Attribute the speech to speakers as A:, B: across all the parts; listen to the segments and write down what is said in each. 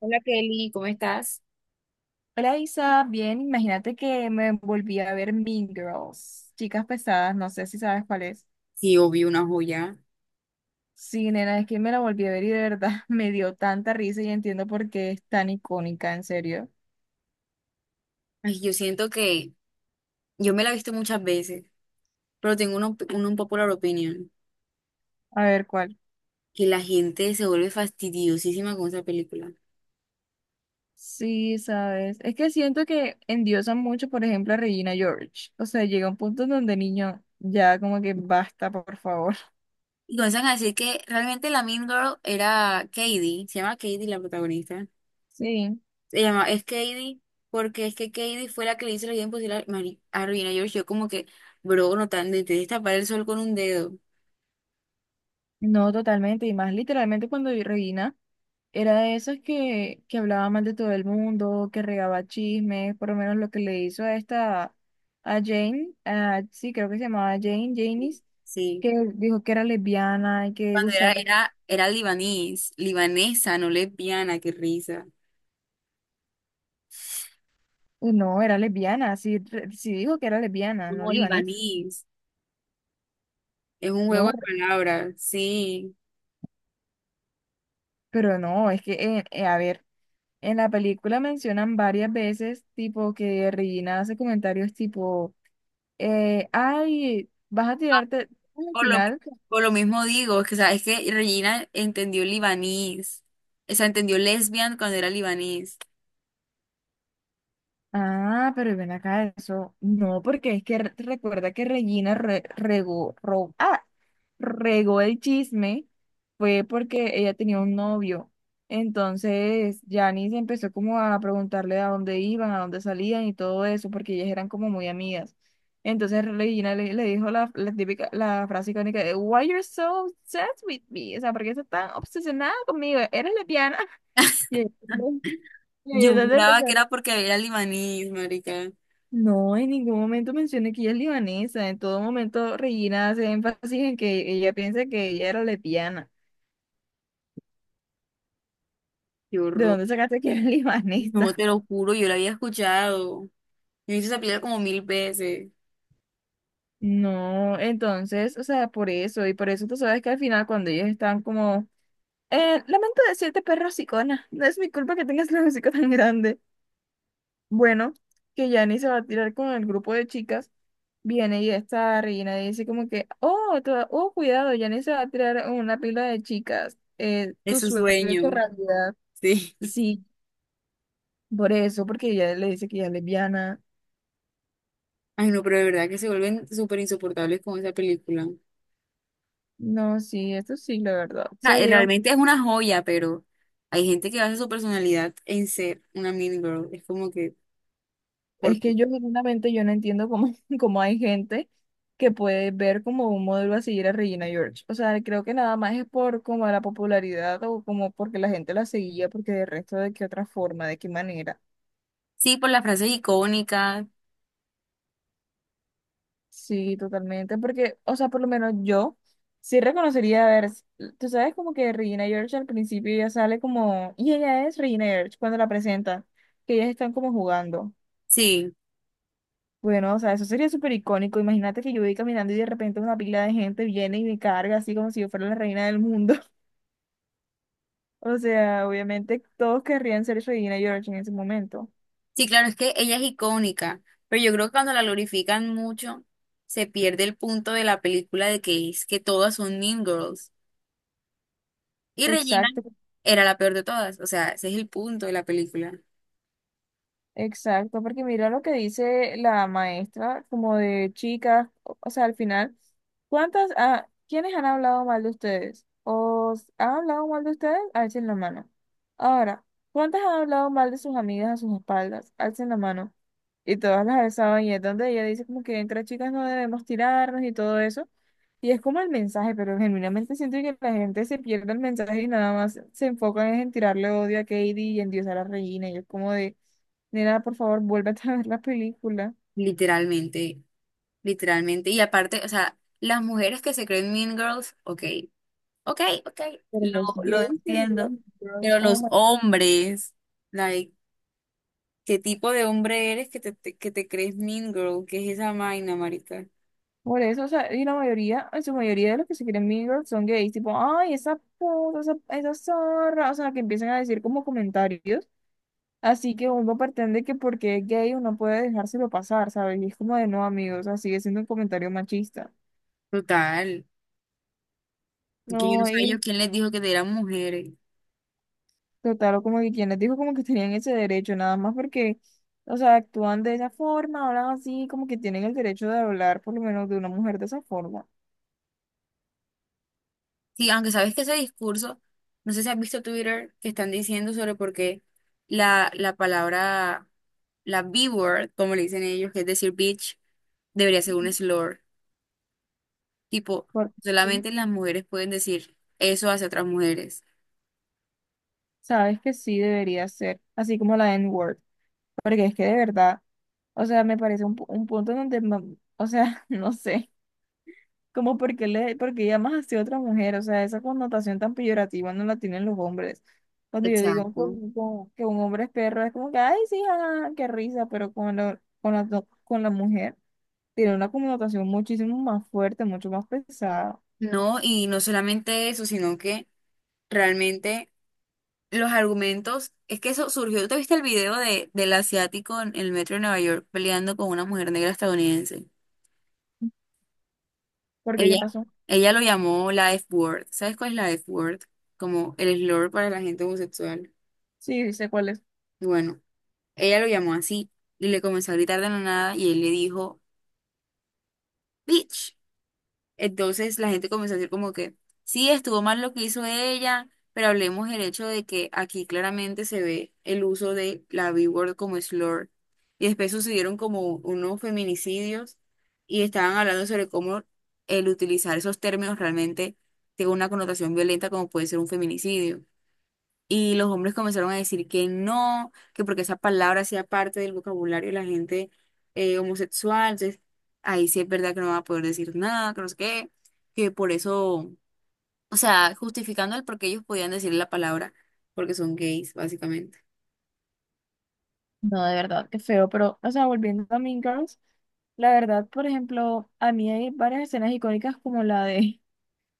A: Hola Kelly, ¿cómo estás?
B: Hola Isa, bien, imagínate que me volví a ver Mean Girls, Chicas Pesadas, no sé si sabes cuál es.
A: Sí, obvio, una joya.
B: Sí, nena, es que me la volví a ver y de verdad me dio tanta risa y entiendo por qué es tan icónica, en serio.
A: Ay, yo siento que yo me la he visto muchas veces, pero tengo una popular opinion,
B: A ver cuál.
A: que la gente se vuelve fastidiosísima con esa película.
B: Sí, sabes, es que siento que endiosan mucho, por ejemplo, a Regina George. O sea, llega un punto en donde niño, ya como que basta, por favor.
A: Y comienzan a decir que realmente la Mean Girl era Katie, se llama Katie la protagonista.
B: Sí,
A: Se llama, es Katie, porque es que Katie fue la que le hizo la vida imposible a Regina George. Yo como que, bro, no tan, de tapar el sol con un dedo.
B: no totalmente, y más literalmente cuando vi Regina. Era de esos que hablaba mal de todo el mundo, que regaba chismes, por lo menos lo que le hizo a esta, a Jane, sí, creo que se llamaba Jane, Janice,
A: Sí.
B: que dijo que era lesbiana y que
A: Cuando era,
B: gustaba.
A: era, era libanés, libanesa, no lesbiana, qué risa.
B: Uy, no, era lesbiana, sí, sí dijo que era lesbiana, no
A: No,
B: digo eso.
A: libanís. Es un juego
B: No,
A: de palabras, sí.
B: pero no, es que, a ver, en la película mencionan varias veces, tipo, que Regina hace comentarios tipo, ay, vas a tirarte al
A: Por lo,
B: final.
A: por lo mismo digo, es que, o sea, es que Regina entendió libanís. O sea, entendió lesbian cuando era libanís.
B: Ah, pero ven acá eso. No, porque es que recuerda que Regina regó el chisme, fue porque ella tenía un novio. Entonces, Janice empezó como a preguntarle a dónde iban, a dónde salían y todo eso, porque ellas eran como muy amigas. Entonces Regina le dijo la típica, la frase icónica de Why you're so obsessed with me? O sea, ¿por qué estás tan obsesionada conmigo? ¿Eres lesbiana? Y ella- y ella
A: Yo
B: entonces
A: juraba
B: empezó a
A: que
B: reír.
A: era porque era libanís, marica.
B: No, en ningún momento mencioné que ella es libanesa. En todo momento Regina hace énfasis en que ella piensa que ella era lesbiana.
A: Qué
B: ¿De
A: horror.
B: dónde sacaste que era
A: No,
B: libanesa?
A: te lo juro, yo lo había escuchado. Yo hice esa película como mil veces.
B: No, entonces, o sea, por eso, y por eso tú sabes que al final cuando ellos están como, lamento decirte, perro hocicona, no es mi culpa que tengas el hocico tan grande. Bueno, que Yanni se va a tirar con el grupo de chicas. Viene y esta reina dice como que, oh, oh, cuidado, Janice se va a tirar una pila de chicas.
A: Es
B: Tu
A: su
B: suerte hecho
A: sueño,
B: realidad.
A: sí.
B: Sí, por eso, porque ella le dice que ella es lesbiana.
A: Ay, no, pero de verdad que se vuelven súper insoportables con esa película.
B: No, sí, esto sí, la verdad. O
A: Sea,
B: sea, llega,
A: realmente es una joya, pero hay gente que basa su personalidad en ser una mean girl. Es como que, por,
B: es
A: ¿qué?
B: que yo genuinamente yo no entiendo cómo, cómo hay gente que puede ver como un modelo a seguir a Regina George. O sea, creo que nada más es por como la popularidad o como porque la gente la seguía, porque de resto de qué otra forma, de qué manera.
A: Sí, por las frases icónicas.
B: Sí, totalmente, porque, o sea, por lo menos yo sí reconocería, a ver, tú sabes como que Regina George al principio ya sale como, y ella es Regina George cuando la presenta, que ellas están como jugando.
A: Sí,
B: Bueno, o sea, eso sería súper icónico. Imagínate que yo voy caminando y de repente una pila de gente viene y me carga así como si yo fuera la reina del mundo. O sea, obviamente todos querrían ser Regina George en ese momento.
A: sí, claro, es que ella es icónica, pero yo creo que cuando la glorifican mucho, se pierde el punto de la película de que es que todas son mean girls. Y Regina
B: Exacto,
A: era la peor de todas. O sea, ese es el punto de la película.
B: Exacto, porque mira lo que dice la maestra, como de chicas, o sea, al final, ¿Quiénes han hablado mal de ustedes? ¿Han hablado mal de ustedes? Alcen la mano. Ahora, ¿cuántas han hablado mal de sus amigas a sus espaldas? Alcen la mano. Y todas las alzaban y es donde ella dice como que entre chicas no debemos tirarnos y todo eso. Y es como el mensaje, pero genuinamente siento que la gente se pierde el mensaje y nada más se enfocan es en tirarle odio a Katie y en diosar a Regina. Y es como de, nena, por favor, vuélvete a ver la película.
A: Literalmente, literalmente. Y aparte, o sea, las mujeres que se creen mean girls, ok. Ok, ok,
B: Pero
A: lo,
B: los
A: lo
B: gays que se quieren
A: entiendo.
B: Mean Girls,
A: Pero
B: oh
A: los
B: my.
A: hombres, like, ¿qué tipo de hombre eres que te crees mean girl? ¿Qué es esa vaina, marica?
B: Por eso, o sea, y la mayoría, en su mayoría de los que se quieren Mean Girls son gays, tipo, ay, esa puta, esa zorra, o sea, que empiezan a decir como comentarios. Así que uno pretende que porque es gay uno puede dejárselo pasar, ¿sabes? Y es como de no, amigos, o sea, sigue siendo un comentario machista.
A: Total. Que yo no
B: No,
A: sé a ellos
B: y
A: quién les dijo que eran mujeres.
B: total, o como que quien les dijo como que tenían ese derecho, nada más porque, o sea, actúan de esa forma, hablan así, como que tienen el derecho de hablar por lo menos de una mujer de esa forma.
A: Sí, aunque sabes que ese discurso, no sé si has visto Twitter, que están diciendo sobre por qué la palabra, la B-word, como le dicen ellos, que es decir bitch, debería ser un slur. Tipo,
B: Porque sí,
A: solamente las mujeres pueden decir eso hacia otras mujeres.
B: sabes que sí debería ser, así como la N-word, porque es que de verdad, o sea, me parece un punto donde, o sea, no sé. Como porque porque llamas así a otra mujer, o sea, esa connotación tan peyorativa no la tienen los hombres. Cuando yo digo
A: Exacto.
B: como que un hombre es perro, es como que, ay, sí, ah, qué risa, pero con la mujer tiene una connotación muchísimo más fuerte, mucho más pesada.
A: No, y no solamente eso, sino que realmente los argumentos, es que eso surgió, ¿te viste el video del asiático en el metro de Nueva York peleando con una mujer negra estadounidense?
B: ¿Por qué? ¿Qué
A: Ella,
B: pasó?
A: ella lo llamó la F-word. ¿Sabes cuál es la F-word? Como el slur para la gente homosexual.
B: Sí, sé cuál es.
A: Y bueno, ella lo llamó así y le comenzó a gritar de la nada y él le dijo, bitch. Entonces la gente comenzó a decir como que sí, estuvo mal lo que hizo ella, pero hablemos del hecho de que aquí claramente se ve el uso de la B-word como slur. Y después sucedieron como unos feminicidios y estaban hablando sobre cómo el utilizar esos términos realmente tiene una connotación violenta como puede ser un feminicidio. Y los hombres comenzaron a decir que no, que porque esa palabra hacía parte del vocabulario de la gente homosexual. Entonces, ahí sí es verdad que no va a poder decir nada, que no sé qué, que por eso, o sea, justificando el por qué ellos podían decir la palabra, porque son gays, básicamente.
B: No, de verdad, qué feo, pero, o sea, volviendo a Mean Girls, la verdad, por ejemplo, a mí hay varias escenas icónicas como la de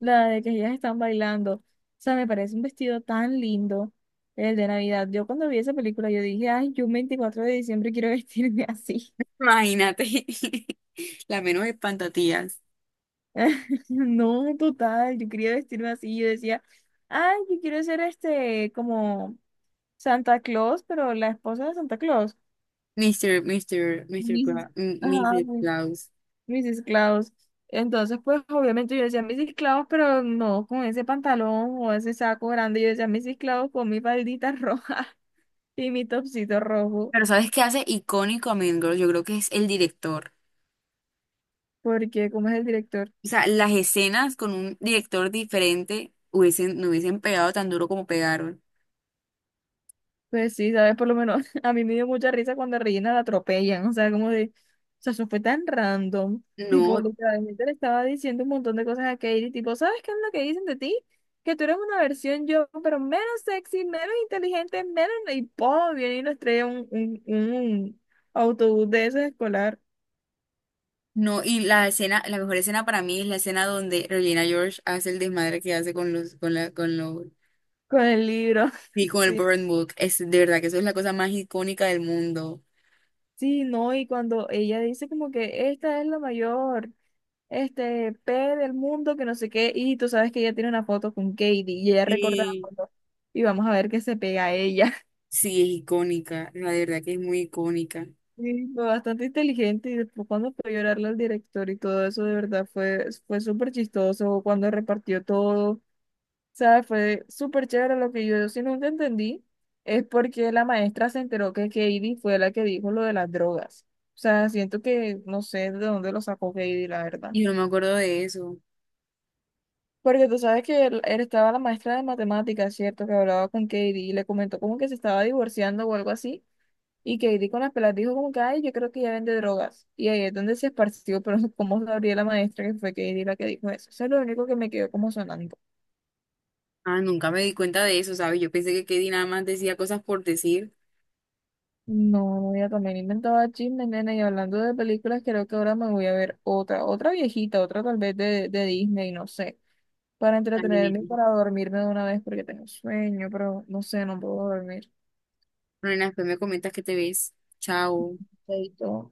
B: La de que ellas están bailando. O sea, me parece un vestido tan lindo, el de Navidad. Yo cuando vi esa película, yo dije, ay, yo un 24 de diciembre quiero vestirme así.
A: Imagínate, la menos espantatías.
B: No, total, yo quería vestirme así. Yo decía, ay, yo quiero ser este, como Santa Claus, pero la esposa de Santa Claus. Mis, ajá,
A: Mr.
B: pues,
A: Klaus.
B: Mrs. Claus. Entonces, pues, obviamente yo decía Mrs. Claus, pero no con ese pantalón o ese saco grande. Yo decía Mrs. Claus con mi faldita roja. Y mi topsito rojo,
A: Pero ¿sabes qué hace icónico a Mean Girls? Yo creo que es el director.
B: porque como es el director,
A: O sea, las escenas con un director diferente no hubiesen pegado tan duro como pegaron.
B: pues sí, sabes, por lo menos a mí me dio mucha risa cuando a Regina la atropellan, o sea, como de, o sea, eso fue tan random, tipo,
A: No,
B: literalmente le estaba diciendo un montón de cosas a Katie, tipo, ¿sabes qué es lo que dicen de ti? Que tú eres una versión yo, pero menos sexy, menos inteligente, menos, viene y nos trae un autobús de esos escolar
A: no, y la escena, la mejor escena para mí es la escena donde Regina George hace el desmadre que hace con los,
B: con el libro,
A: y con el
B: sí,
A: Burn Book. Es de verdad que eso es la cosa más icónica del mundo.
B: sí, no, y cuando ella dice como que esta es la mayor. Este, P del mundo, que no sé qué, y tú sabes que ella tiene una foto con Katie y ella recorta la
A: Sí.
B: foto y vamos a ver qué se pega a ella.
A: Sí, es icónica, la de verdad que es muy icónica.
B: Sí, fue bastante inteligente y después cuando fue a llorarle al director y todo eso, de verdad fue súper chistoso cuando repartió todo, o sea, fue súper chévere lo que yo, si nunca entendí, es porque la maestra se enteró que Katie fue la que dijo lo de las drogas. O sea, siento que no sé de dónde lo sacó Katie, la verdad.
A: Y yo no me acuerdo de eso.
B: Porque tú sabes que él estaba la maestra de matemáticas, ¿cierto? Que hablaba con Katie y le comentó como que se estaba divorciando o algo así. Y Katie con las pelas dijo como que, ay, yo creo que ella vende drogas. Y ahí es donde se esparció, pero cómo sabría la maestra que fue Katie la que dijo eso. Eso es lo único que me quedó como sonando.
A: Ah, nunca me di cuenta de eso, ¿sabes? Yo pensé que Katie nada más decía cosas por decir.
B: No, ella también inventaba chismes, nena. Y hablando de películas, creo que ahora me voy a ver otra, otra viejita, otra tal vez de Disney, no sé. Para
A: Ay,
B: entretenerme y
A: nena.
B: para dormirme de una vez porque tengo sueño, pero no sé, no puedo dormir.
A: Bueno, después me comentas que te ves. Chao.
B: Chaito.